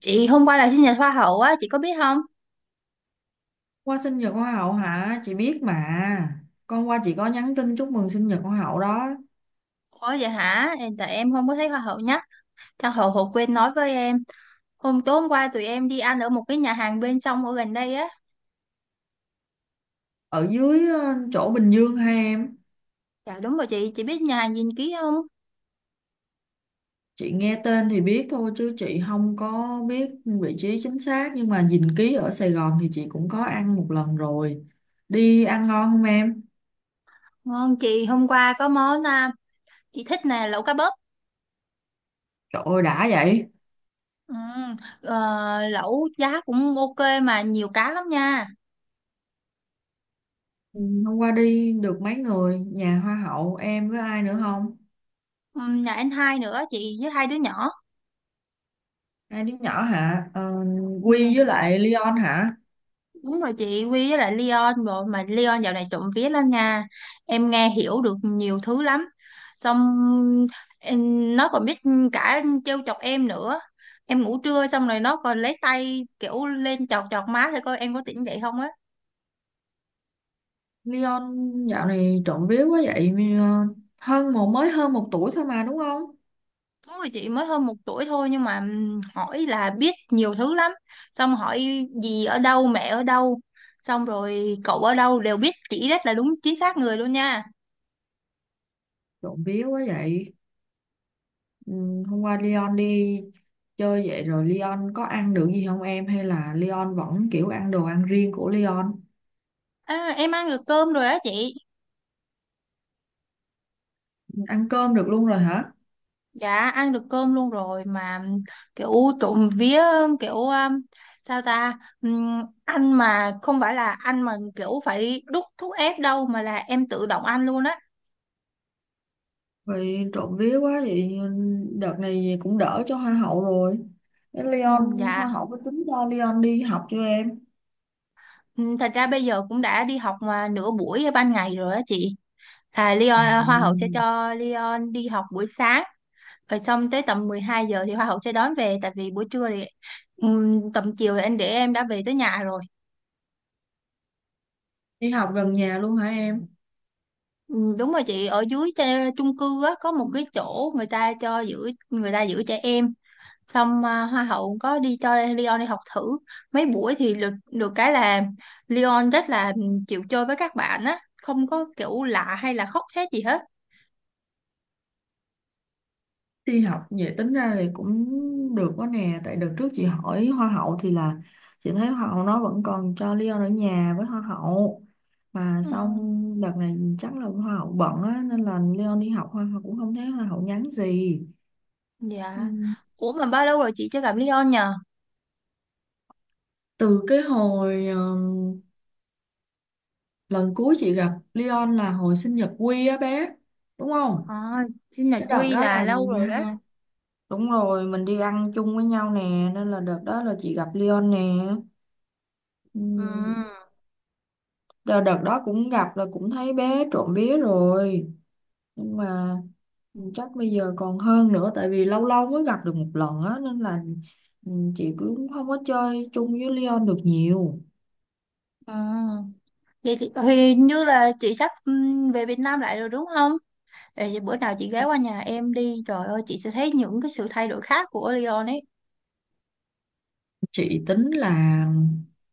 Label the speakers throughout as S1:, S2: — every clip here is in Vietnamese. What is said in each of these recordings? S1: Chị hôm qua là sinh nhật hoa hậu á, chị có biết không?
S2: Qua sinh nhật hoa hậu hả? Chị biết mà. Con qua chị có nhắn tin chúc mừng sinh nhật hoa hậu đó.
S1: Ủa vậy hả? Tại em không có thấy hoa hậu nhắc. Chắc hậu hậu quên nói với em. Tối hôm qua tụi em đi ăn ở một cái nhà hàng bên sông ở gần đây á.
S2: Ở dưới chỗ Bình Dương ha em.
S1: Dạ đúng rồi chị biết nhà hàng gìn ký không?
S2: Chị nghe tên thì biết thôi chứ chị không có biết vị trí chính xác. Nhưng mà dình ký ở Sài Gòn thì chị cũng có ăn một lần rồi. Đi ăn ngon không em?
S1: Ngon chị, hôm qua có món chị thích nè, lẩu cá bớp.
S2: Trời ơi đã vậy.
S1: Ừ, lẩu giá cũng ok mà nhiều cá lắm nha.
S2: Ừ. Hôm qua đi được mấy người? Nhà hoa hậu em với ai nữa không?
S1: Ừ, nhà anh hai nữa chị với hai đứa nhỏ.
S2: Hai đứa nhỏ hả? Ờ,
S1: Ừ.
S2: Quy với lại Leon hả?
S1: Đúng rồi chị, Quy với lại Leon. Bộ mà Leon dạo này trộm vía lắm nha, em nghe hiểu được nhiều thứ lắm. Xong nó còn biết cả trêu chọc em nữa. Em ngủ trưa xong rồi nó còn lấy tay kiểu lên chọc chọc má thì coi em có tỉnh dậy không á.
S2: Leon dạo này trộm vía quá vậy, ờ, hơn một mới hơn 1 tuổi thôi mà đúng không?
S1: Đúng rồi chị, mới hơn 1 tuổi thôi nhưng mà hỏi là biết nhiều thứ lắm. Xong hỏi gì ở đâu, mẹ ở đâu, xong rồi cậu ở đâu đều biết, chỉ rất là đúng chính xác người luôn nha.
S2: Trộm vía quá vậy. Ừ, hôm qua Leon đi chơi vậy rồi Leon có ăn được gì không em, hay là Leon vẫn kiểu ăn đồ ăn riêng của Leon?
S1: À, em ăn được cơm rồi á chị.
S2: Ăn cơm được luôn rồi hả?
S1: Dạ ăn được cơm luôn rồi mà kiểu, trộm vía, kiểu sao ta. Ăn mà không phải là ăn mà kiểu phải đút thuốc ép đâu mà là em tự động ăn luôn á.
S2: Vậy trộm vía quá vậy, đợt này cũng đỡ cho hoa hậu rồi. Thế Leon hoa
S1: Dạ.
S2: hậu có tính cho Leon đi học chưa em?
S1: Thật ra bây giờ cũng đã đi học mà nửa buổi ban ngày rồi á chị. À, Leon,
S2: À.
S1: à, Hoa hậu sẽ cho Leon đi học buổi sáng, rồi xong tới tầm 12 giờ thì Hoa hậu sẽ đón về, tại vì buổi trưa thì tầm chiều thì anh để em đã về tới nhà rồi.
S2: Đi học gần nhà luôn hả em?
S1: Ừ, đúng rồi chị, ở dưới chung cư á, có một cái chỗ người ta cho giữ, người ta giữ trẻ em. Xong hoa hậu cũng có đi cho Leon đi học thử mấy buổi thì được được cái là Leon rất là chịu chơi với các bạn á, không có kiểu lạ hay là khóc thét gì hết.
S2: Đi học vậy tính ra thì cũng được quá nè. Tại đợt trước chị hỏi Hoa hậu thì là chị thấy Hoa hậu nó vẫn còn cho Leon ở nhà với Hoa hậu. Mà
S1: Ừ,
S2: xong đợt này chắc là Hoa hậu bận á, nên là Leon đi học Hoa hậu cũng không thấy Hoa hậu nhắn gì. Ừ.
S1: dạ. Ủa mà bao lâu rồi chị chưa gặp Leon nhờ?
S2: Từ cái hồi, lần cuối chị gặp Leon là hồi sinh nhật Quy á bé. Đúng không?
S1: À, sinh nhật
S2: Cái đợt
S1: Quy
S2: đó là
S1: là lâu rồi đó.
S2: hai- đúng rồi, mình đi ăn chung với nhau nè, nên là đợt đó là chị gặp Leon nè.
S1: Ừ,
S2: Ừ. Đợt đợt đó cũng gặp là cũng thấy bé trộm vía rồi, nhưng mà chắc bây giờ còn hơn nữa tại vì lâu lâu mới gặp được một lần á, nên là chị cũng không có chơi chung với Leon được nhiều.
S1: ừ. Vậy chị thì như là chị sắp về Việt Nam lại rồi, đúng không? Ê, vậy bữa nào chị ghé qua nhà em đi, trời ơi, chị sẽ thấy những cái sự thay đổi khác của Leon ấy.
S2: Chị tính là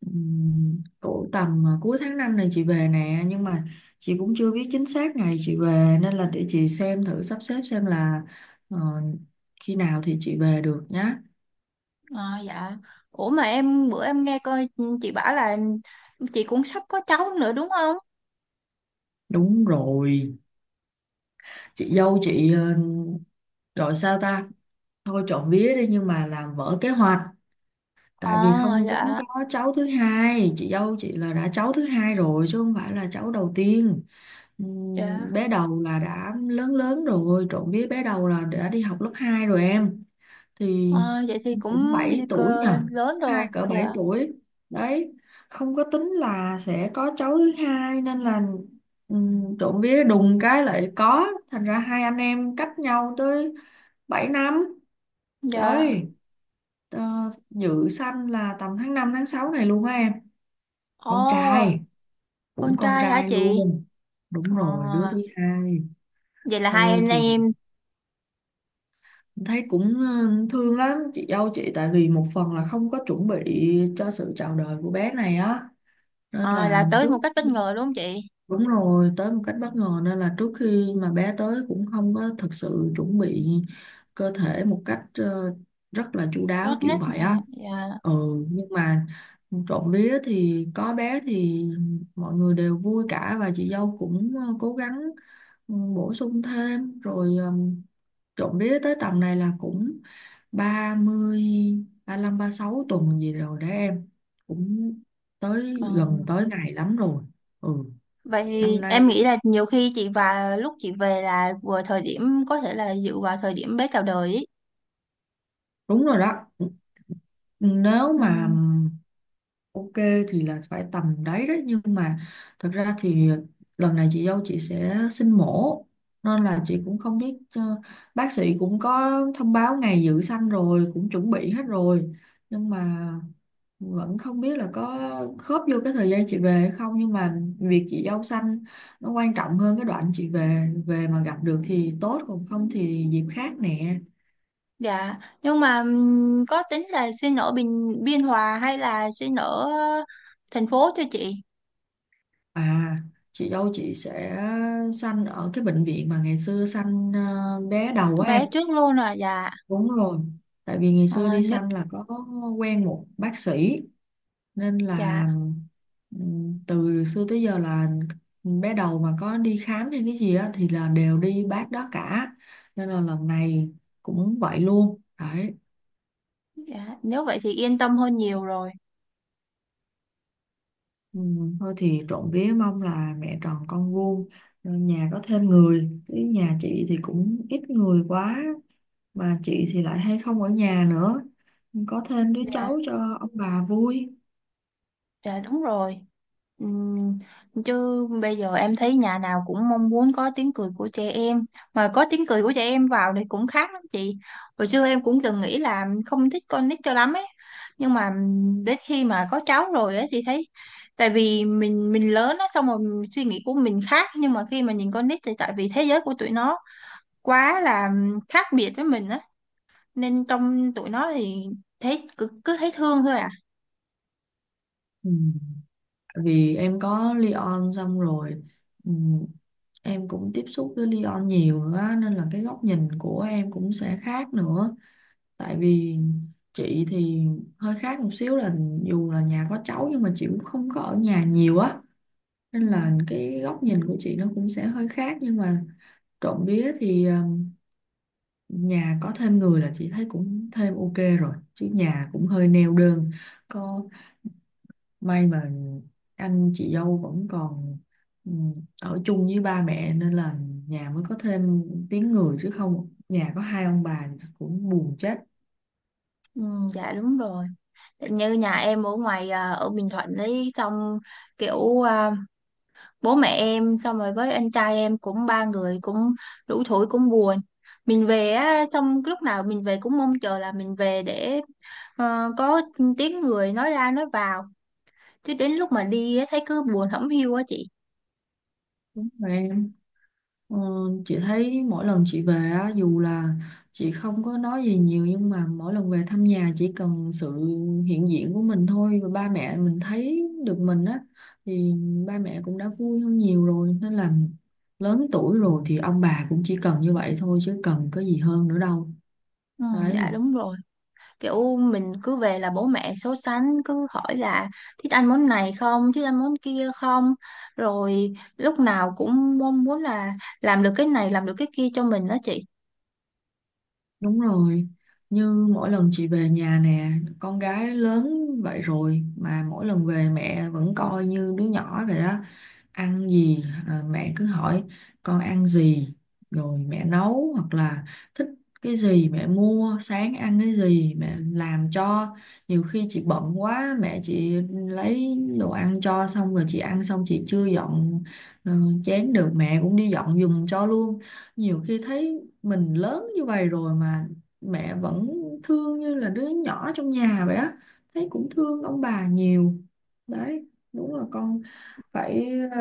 S2: ừm, cỡ tầm cuối tháng 5 này chị về nè, nhưng mà chị cũng chưa biết chính xác ngày chị về nên là để chị xem thử sắp xếp xem là ờ, khi nào thì chị về được nhá.
S1: À, dạ. Ủa mà bữa em nghe coi chị bảo là chị cũng sắp có cháu nữa, đúng không?
S2: Đúng rồi, chị dâu chị gọi sao ta, thôi trộm vía đi nhưng mà làm vỡ kế hoạch. Tại vì
S1: Ờ.
S2: không tính
S1: Dạ,
S2: có cháu thứ hai, chị dâu chị là đã cháu thứ hai rồi chứ không phải là cháu đầu tiên.
S1: dạ.
S2: Bé đầu là đã lớn lớn rồi, trộm vía bé đầu là đã đi học lớp 2 rồi em. Thì
S1: Ờ, vậy thì
S2: cũng
S1: cũng
S2: 7 tuổi nhờ,
S1: lớn rồi.
S2: hai cỡ 7
S1: Dạ.
S2: tuổi đấy. Không có tính là sẽ có cháu thứ hai nên là trộm vía đùng cái lại có, thành ra hai anh em cách nhau tới 7 năm
S1: Dạ.
S2: đấy. Ờ, Dự sanh là tầm tháng 5 tháng 6 này luôn á em. Con trai.
S1: Ồ,
S2: Cũng
S1: con
S2: con
S1: trai hả
S2: trai
S1: chị?
S2: luôn, đúng
S1: Ờ,
S2: rồi đứa thứ hai.
S1: vậy là hai
S2: Thôi
S1: anh
S2: thì
S1: em.
S2: thấy cũng thương lắm chị dâu chị, tại vì một phần là không có chuẩn bị cho sự chào đời của bé này á, nên
S1: Ờ,
S2: là
S1: là tới
S2: trước.
S1: một cách bất ngờ đúng không chị?
S2: Đúng rồi, tới một cách bất ngờ nên là trước khi mà bé tới cũng không có thực sự chuẩn bị cơ thể một cách rất là chu
S1: Tốt
S2: đáo kiểu
S1: nhất.
S2: vậy á.
S1: Dạ, dạ.
S2: Ừ, nhưng mà trộm vía thì có bé thì mọi người đều vui cả, và chị dâu cũng cố gắng, bổ sung thêm rồi, trộm vía tới tầm này là cũng 30, 36 tuần gì rồi đấy em. Cũng tới
S1: Ờ.
S2: gần tới ngày lắm rồi. Ừ,
S1: Vậy
S2: năm
S1: thì
S2: nay
S1: em nghĩ là nhiều khi chị và lúc chị về là vừa thời điểm có thể là dự vào thời điểm bé chào đời ý.
S2: đúng rồi đó, nếu
S1: Ừ.
S2: mà ok thì là phải tầm đấy đấy, nhưng mà thật ra thì lần này chị dâu chị sẽ sinh mổ, nên là chị cũng không biết, bác sĩ cũng có thông báo ngày dự sanh rồi, cũng chuẩn bị hết rồi, nhưng mà vẫn không biết là có khớp vô cái thời gian chị về hay không. Nhưng mà việc chị dâu sanh nó quan trọng hơn, cái đoạn chị về về mà gặp được thì tốt, còn không thì dịp khác nè.
S1: Dạ, nhưng mà có tính là xin ở Bình Biên Hòa hay là xin ở thành phố cho chị?
S2: À, chị dâu chị sẽ sanh ở cái bệnh viện mà ngày xưa sanh bé đầu của em.
S1: Bé trước luôn à, dạ.
S2: Đúng rồi. Tại vì ngày xưa
S1: Ờ,
S2: đi
S1: nếu,
S2: sanh là có quen một bác sĩ, nên là
S1: dạ,
S2: từ xưa tới giờ là bé đầu mà có đi khám hay cái gì á thì là đều đi bác đó cả. Nên là lần này cũng vậy luôn. Đấy.
S1: dạ, nếu vậy thì yên tâm hơn nhiều rồi.
S2: Thôi thì trộm vía mong là mẹ tròn con vuông, nhà có thêm người, cái nhà chị thì cũng ít người quá. Bà chị thì lại hay không ở nhà nữa. Có thêm đứa
S1: Dạ,
S2: cháu cho ông bà vui.
S1: dạ đúng rồi. Ừm, Chứ bây giờ em thấy nhà nào cũng mong muốn có tiếng cười của trẻ em, mà có tiếng cười của trẻ em vào thì cũng khác lắm chị. Hồi xưa em cũng từng nghĩ là không thích con nít cho lắm ấy, nhưng mà đến khi mà có cháu rồi ấy thì thấy, tại vì mình lớn á, xong rồi suy nghĩ của mình khác, nhưng mà khi mà nhìn con nít thì tại vì thế giới của tụi nó quá là khác biệt với mình á, nên trong tụi nó thì thấy cứ thấy thương thôi à.
S2: Ừ. Tại vì em có Leon xong rồi, ừ, em cũng tiếp xúc với Leon nhiều nữa á, nên là cái góc nhìn của em cũng sẽ khác nữa. Tại vì chị thì hơi khác một xíu là dù là nhà có cháu nhưng mà chị cũng không có ở nhà nhiều á. Nên
S1: Ừ,
S2: là cái góc nhìn của chị nó cũng sẽ hơi khác, nhưng mà trộm vía thì nhà có thêm người là chị thấy cũng thêm ok rồi, chứ nhà cũng hơi neo đơn. Có may mà anh chị dâu vẫn còn ừ, ở chung với ba mẹ nên là nhà mới có thêm tiếng người, chứ không nhà có hai ông bà cũng buồn chết.
S1: ừ, dạ đúng rồi. Như nhà em ở ngoài à, ở Bình Thuận ấy, xong kiểu bố mẹ em xong rồi với anh trai em cũng ba người cũng đủ tuổi cũng buồn. Mình về á, xong lúc nào mình về cũng mong chờ là mình về để có tiếng người nói ra nói vào, chứ đến lúc mà đi á, thấy cứ buồn hổng hiu á chị.
S2: Ờ, chị thấy mỗi lần chị về á, dù là chị không có nói gì nhiều, nhưng mà mỗi lần về thăm nhà chỉ cần sự hiện diện của mình thôi và ba mẹ mình thấy được mình á, thì ba mẹ cũng đã vui hơn nhiều rồi. Nên là lớn tuổi rồi thì ông bà cũng chỉ cần như vậy thôi, chứ cần có gì hơn nữa đâu.
S1: Ừ, dạ
S2: Đấy,
S1: đúng rồi. Kiểu mình cứ về là bố mẹ so sánh, cứ hỏi là thích ăn món này không, thích ăn món kia không, rồi lúc nào cũng mong muốn là làm được cái này làm được cái kia cho mình đó chị.
S2: đúng rồi. Như mỗi lần chị về nhà nè, con gái lớn vậy rồi mà mỗi lần về mẹ vẫn coi như đứa nhỏ vậy á. Ăn gì à, mẹ cứ hỏi con ăn gì rồi mẹ nấu, hoặc là thích cái gì mẹ mua, sáng ăn cái gì mẹ làm cho. Nhiều khi chị bận quá mẹ chị lấy đồ ăn cho, xong rồi chị ăn xong chị chưa dọn ờ, chén được, mẹ cũng đi dọn giùm cho luôn. Nhiều khi thấy mình lớn như vậy rồi mà mẹ vẫn thương như là đứa nhỏ trong nhà vậy á, thấy cũng thương ông bà nhiều. Đấy. Đúng là con phải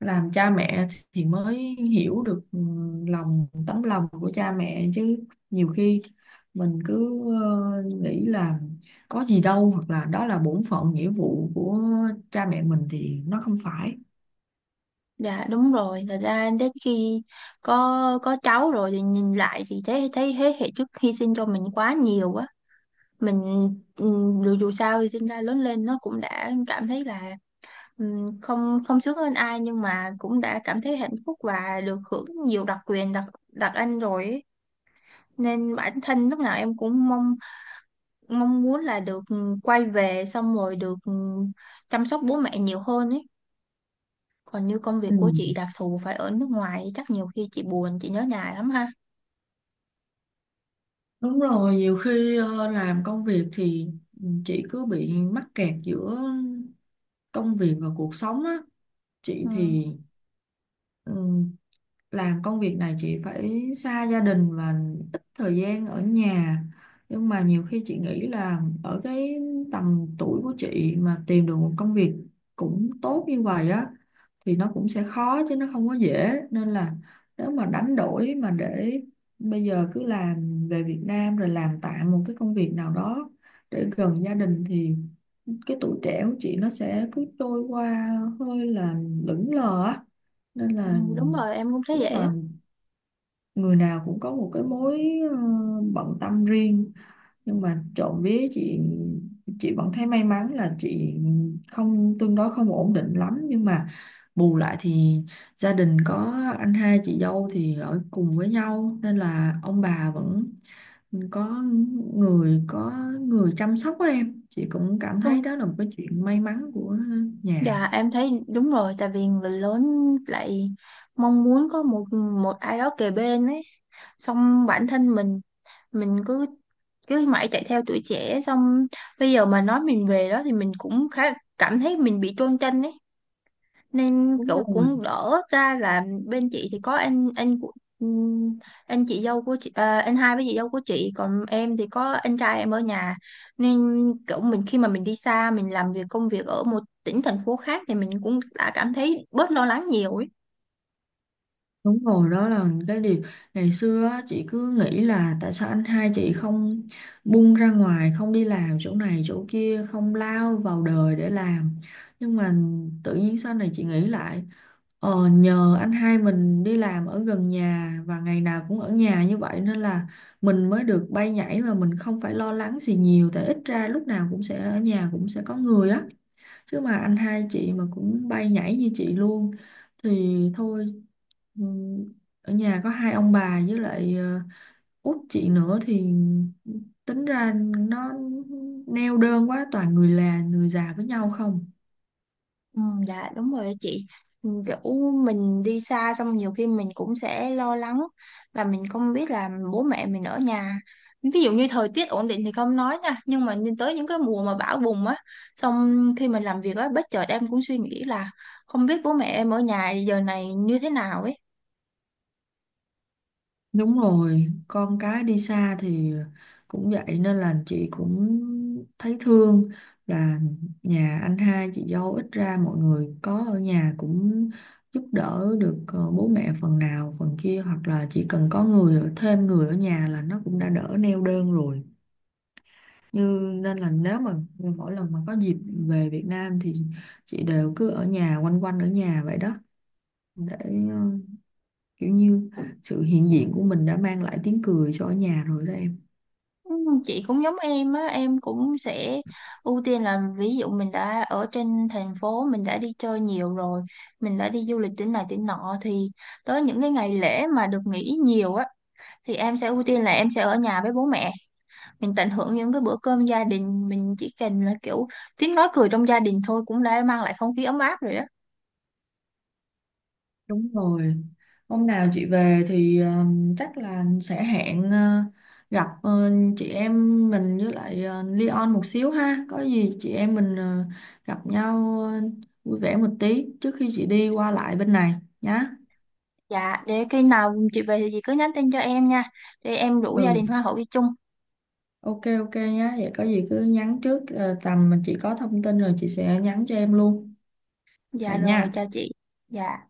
S2: làm cha mẹ thì mới hiểu được tấm lòng của cha mẹ chứ. Nhiều khi mình cứ nghĩ là có gì đâu, hoặc là đó là bổn phận nghĩa vụ của cha mẹ mình thì nó không phải.
S1: Dạ đúng rồi, thật ra đến khi có cháu rồi thì nhìn lại thì thấy thấy thế hệ trước hy sinh cho mình quá nhiều á. Mình dù dù sao thì sinh ra lớn lên nó cũng đã cảm thấy là không không sướng hơn ai, nhưng mà cũng đã cảm thấy hạnh phúc và được hưởng nhiều đặc quyền đặc đặc anh rồi ấy. Nên bản thân lúc nào em cũng mong mong muốn là được quay về xong rồi được chăm sóc bố mẹ nhiều hơn ấy. Còn như công việc
S2: Ừ.
S1: của chị đặc thù phải ở nước ngoài, chắc nhiều khi chị buồn, chị nhớ nhà lắm ha?
S2: Đúng rồi, nhiều khi làm công việc thì chị cứ bị mắc kẹt giữa công việc và cuộc sống á. Chị
S1: Ừ.
S2: thì ừ, làm công việc này chị phải xa gia đình và ít thời gian ở nhà, nhưng mà nhiều khi chị nghĩ là ở cái tầm tuổi của chị mà tìm được một công việc cũng tốt như vậy á thì nó cũng sẽ khó chứ nó không có dễ. Nên là nếu mà đánh đổi mà để bây giờ cứ làm về Việt Nam rồi làm tạm một cái công việc nào đó để gần gia đình, thì cái tuổi trẻ của chị nó sẽ cứ trôi qua hơi là lững lờ á, nên
S1: Ừ,
S2: là.
S1: đúng rồi em cũng thấy
S2: Đúng là
S1: vậy
S2: người nào cũng có một cái mối ờ, bận tâm riêng, nhưng mà trộm vía chị vẫn thấy may mắn là chị không tương đối không ổn định lắm, nhưng mà bù lại thì gia đình có anh hai chị dâu thì ở cùng với nhau nên là ông bà vẫn có có người chăm sóc á em. Chị cũng cảm
S1: á.
S2: thấy đó là một cái chuyện may mắn của nhà.
S1: Dạ em thấy đúng rồi, tại vì người lớn lại mong muốn có một một ai đó kề bên ấy, xong bản thân mình cứ cứ mãi chạy theo tuổi trẻ, xong bây giờ mà nói mình về đó thì mình cũng khá cảm thấy mình bị chôn chân ấy, nên
S2: Đúng
S1: cậu
S2: rồi.
S1: cũng đỡ ra là bên chị thì có anh của ừm, anh chị dâu của chị, anh hai với chị dâu của chị, còn em thì có anh trai em ở nhà, nên kiểu mình khi mà mình đi xa mình làm việc công việc ở một tỉnh thành phố khác thì mình cũng đã cảm thấy bớt lo lắng nhiều ấy.
S2: Đúng rồi, đó là cái điều ngày xưa á, chị cứ nghĩ là tại sao anh hai chị không bung ra ngoài, không đi làm chỗ này chỗ kia, không lao vào đời để làm. Nhưng mà tự nhiên sau này chị nghĩ lại, nhờ anh hai mình đi làm ở gần nhà và ngày nào cũng ở nhà như vậy, nên là mình mới được bay nhảy mà mình không phải lo lắng gì nhiều, tại ít ra lúc nào cũng sẽ ở nhà, cũng sẽ có người á. Chứ mà anh hai chị mà cũng bay nhảy như chị luôn thì thôi, ừ, ở nhà có hai ông bà với lại út chị nữa thì tính ra nó neo đơn quá, toàn người là người già với nhau không.
S1: Ừ, dạ đúng rồi đó chị. Ừ, kiểu mình đi xa xong nhiều khi mình cũng sẽ lo lắng và mình không biết là bố mẹ mình ở nhà, ví dụ như thời tiết ổn định thì không nói nha, nhưng mà nhìn tới những cái mùa mà bão bùng á, xong khi mình làm việc á bất chợt em cũng suy nghĩ là không biết bố mẹ em ở nhà giờ này như thế nào ấy.
S2: Đúng rồi, con cái đi xa thì cũng vậy, nên là chị cũng thấy thương là nhà anh hai chị dâu ít ra mọi người có ở nhà cũng giúp đỡ được bố mẹ phần nào phần kia, hoặc là chỉ cần có người ở, thêm người ở nhà là nó cũng đã đỡ neo đơn rồi. Như nên là nếu mà mỗi lần mà có dịp về Việt Nam thì chị đều cứ ở nhà, quanh quanh ở nhà vậy đó, để ờ, kiểu như sự hiện diện của mình đã mang lại tiếng cười cho ở nhà rồi đó em.
S1: Ừ, Chị cũng giống em á, em cũng sẽ ưu tiên là ví dụ mình đã ở trên thành phố, mình đã đi chơi nhiều rồi, mình đã đi du lịch tỉnh này tỉnh nọ thì tới những cái ngày lễ mà được nghỉ nhiều á thì em sẽ ưu tiên là em sẽ ở nhà với bố mẹ, mình tận hưởng những cái bữa cơm gia đình, mình chỉ cần là kiểu tiếng nói cười trong gia đình thôi cũng đã mang lại không khí ấm áp rồi đó.
S2: Đúng rồi. Hôm nào chị về thì chắc là sẽ hẹn gặp chị em mình với lại Leon một xíu ha. Có gì chị em mình gặp nhau vui vẻ một tí trước khi chị đi qua lại bên này nhá.
S1: Dạ, để khi nào chị về thì chị cứ nhắn tin cho em nha, để em rủ gia
S2: Ừ.
S1: đình hoa hậu đi chung.
S2: Ok ok nhá. Vậy có gì cứ nhắn trước, tầm mà chị có thông tin rồi chị sẽ nhắn cho em luôn.
S1: Dạ
S2: Vậy
S1: rồi,
S2: nha.
S1: chào chị. Dạ.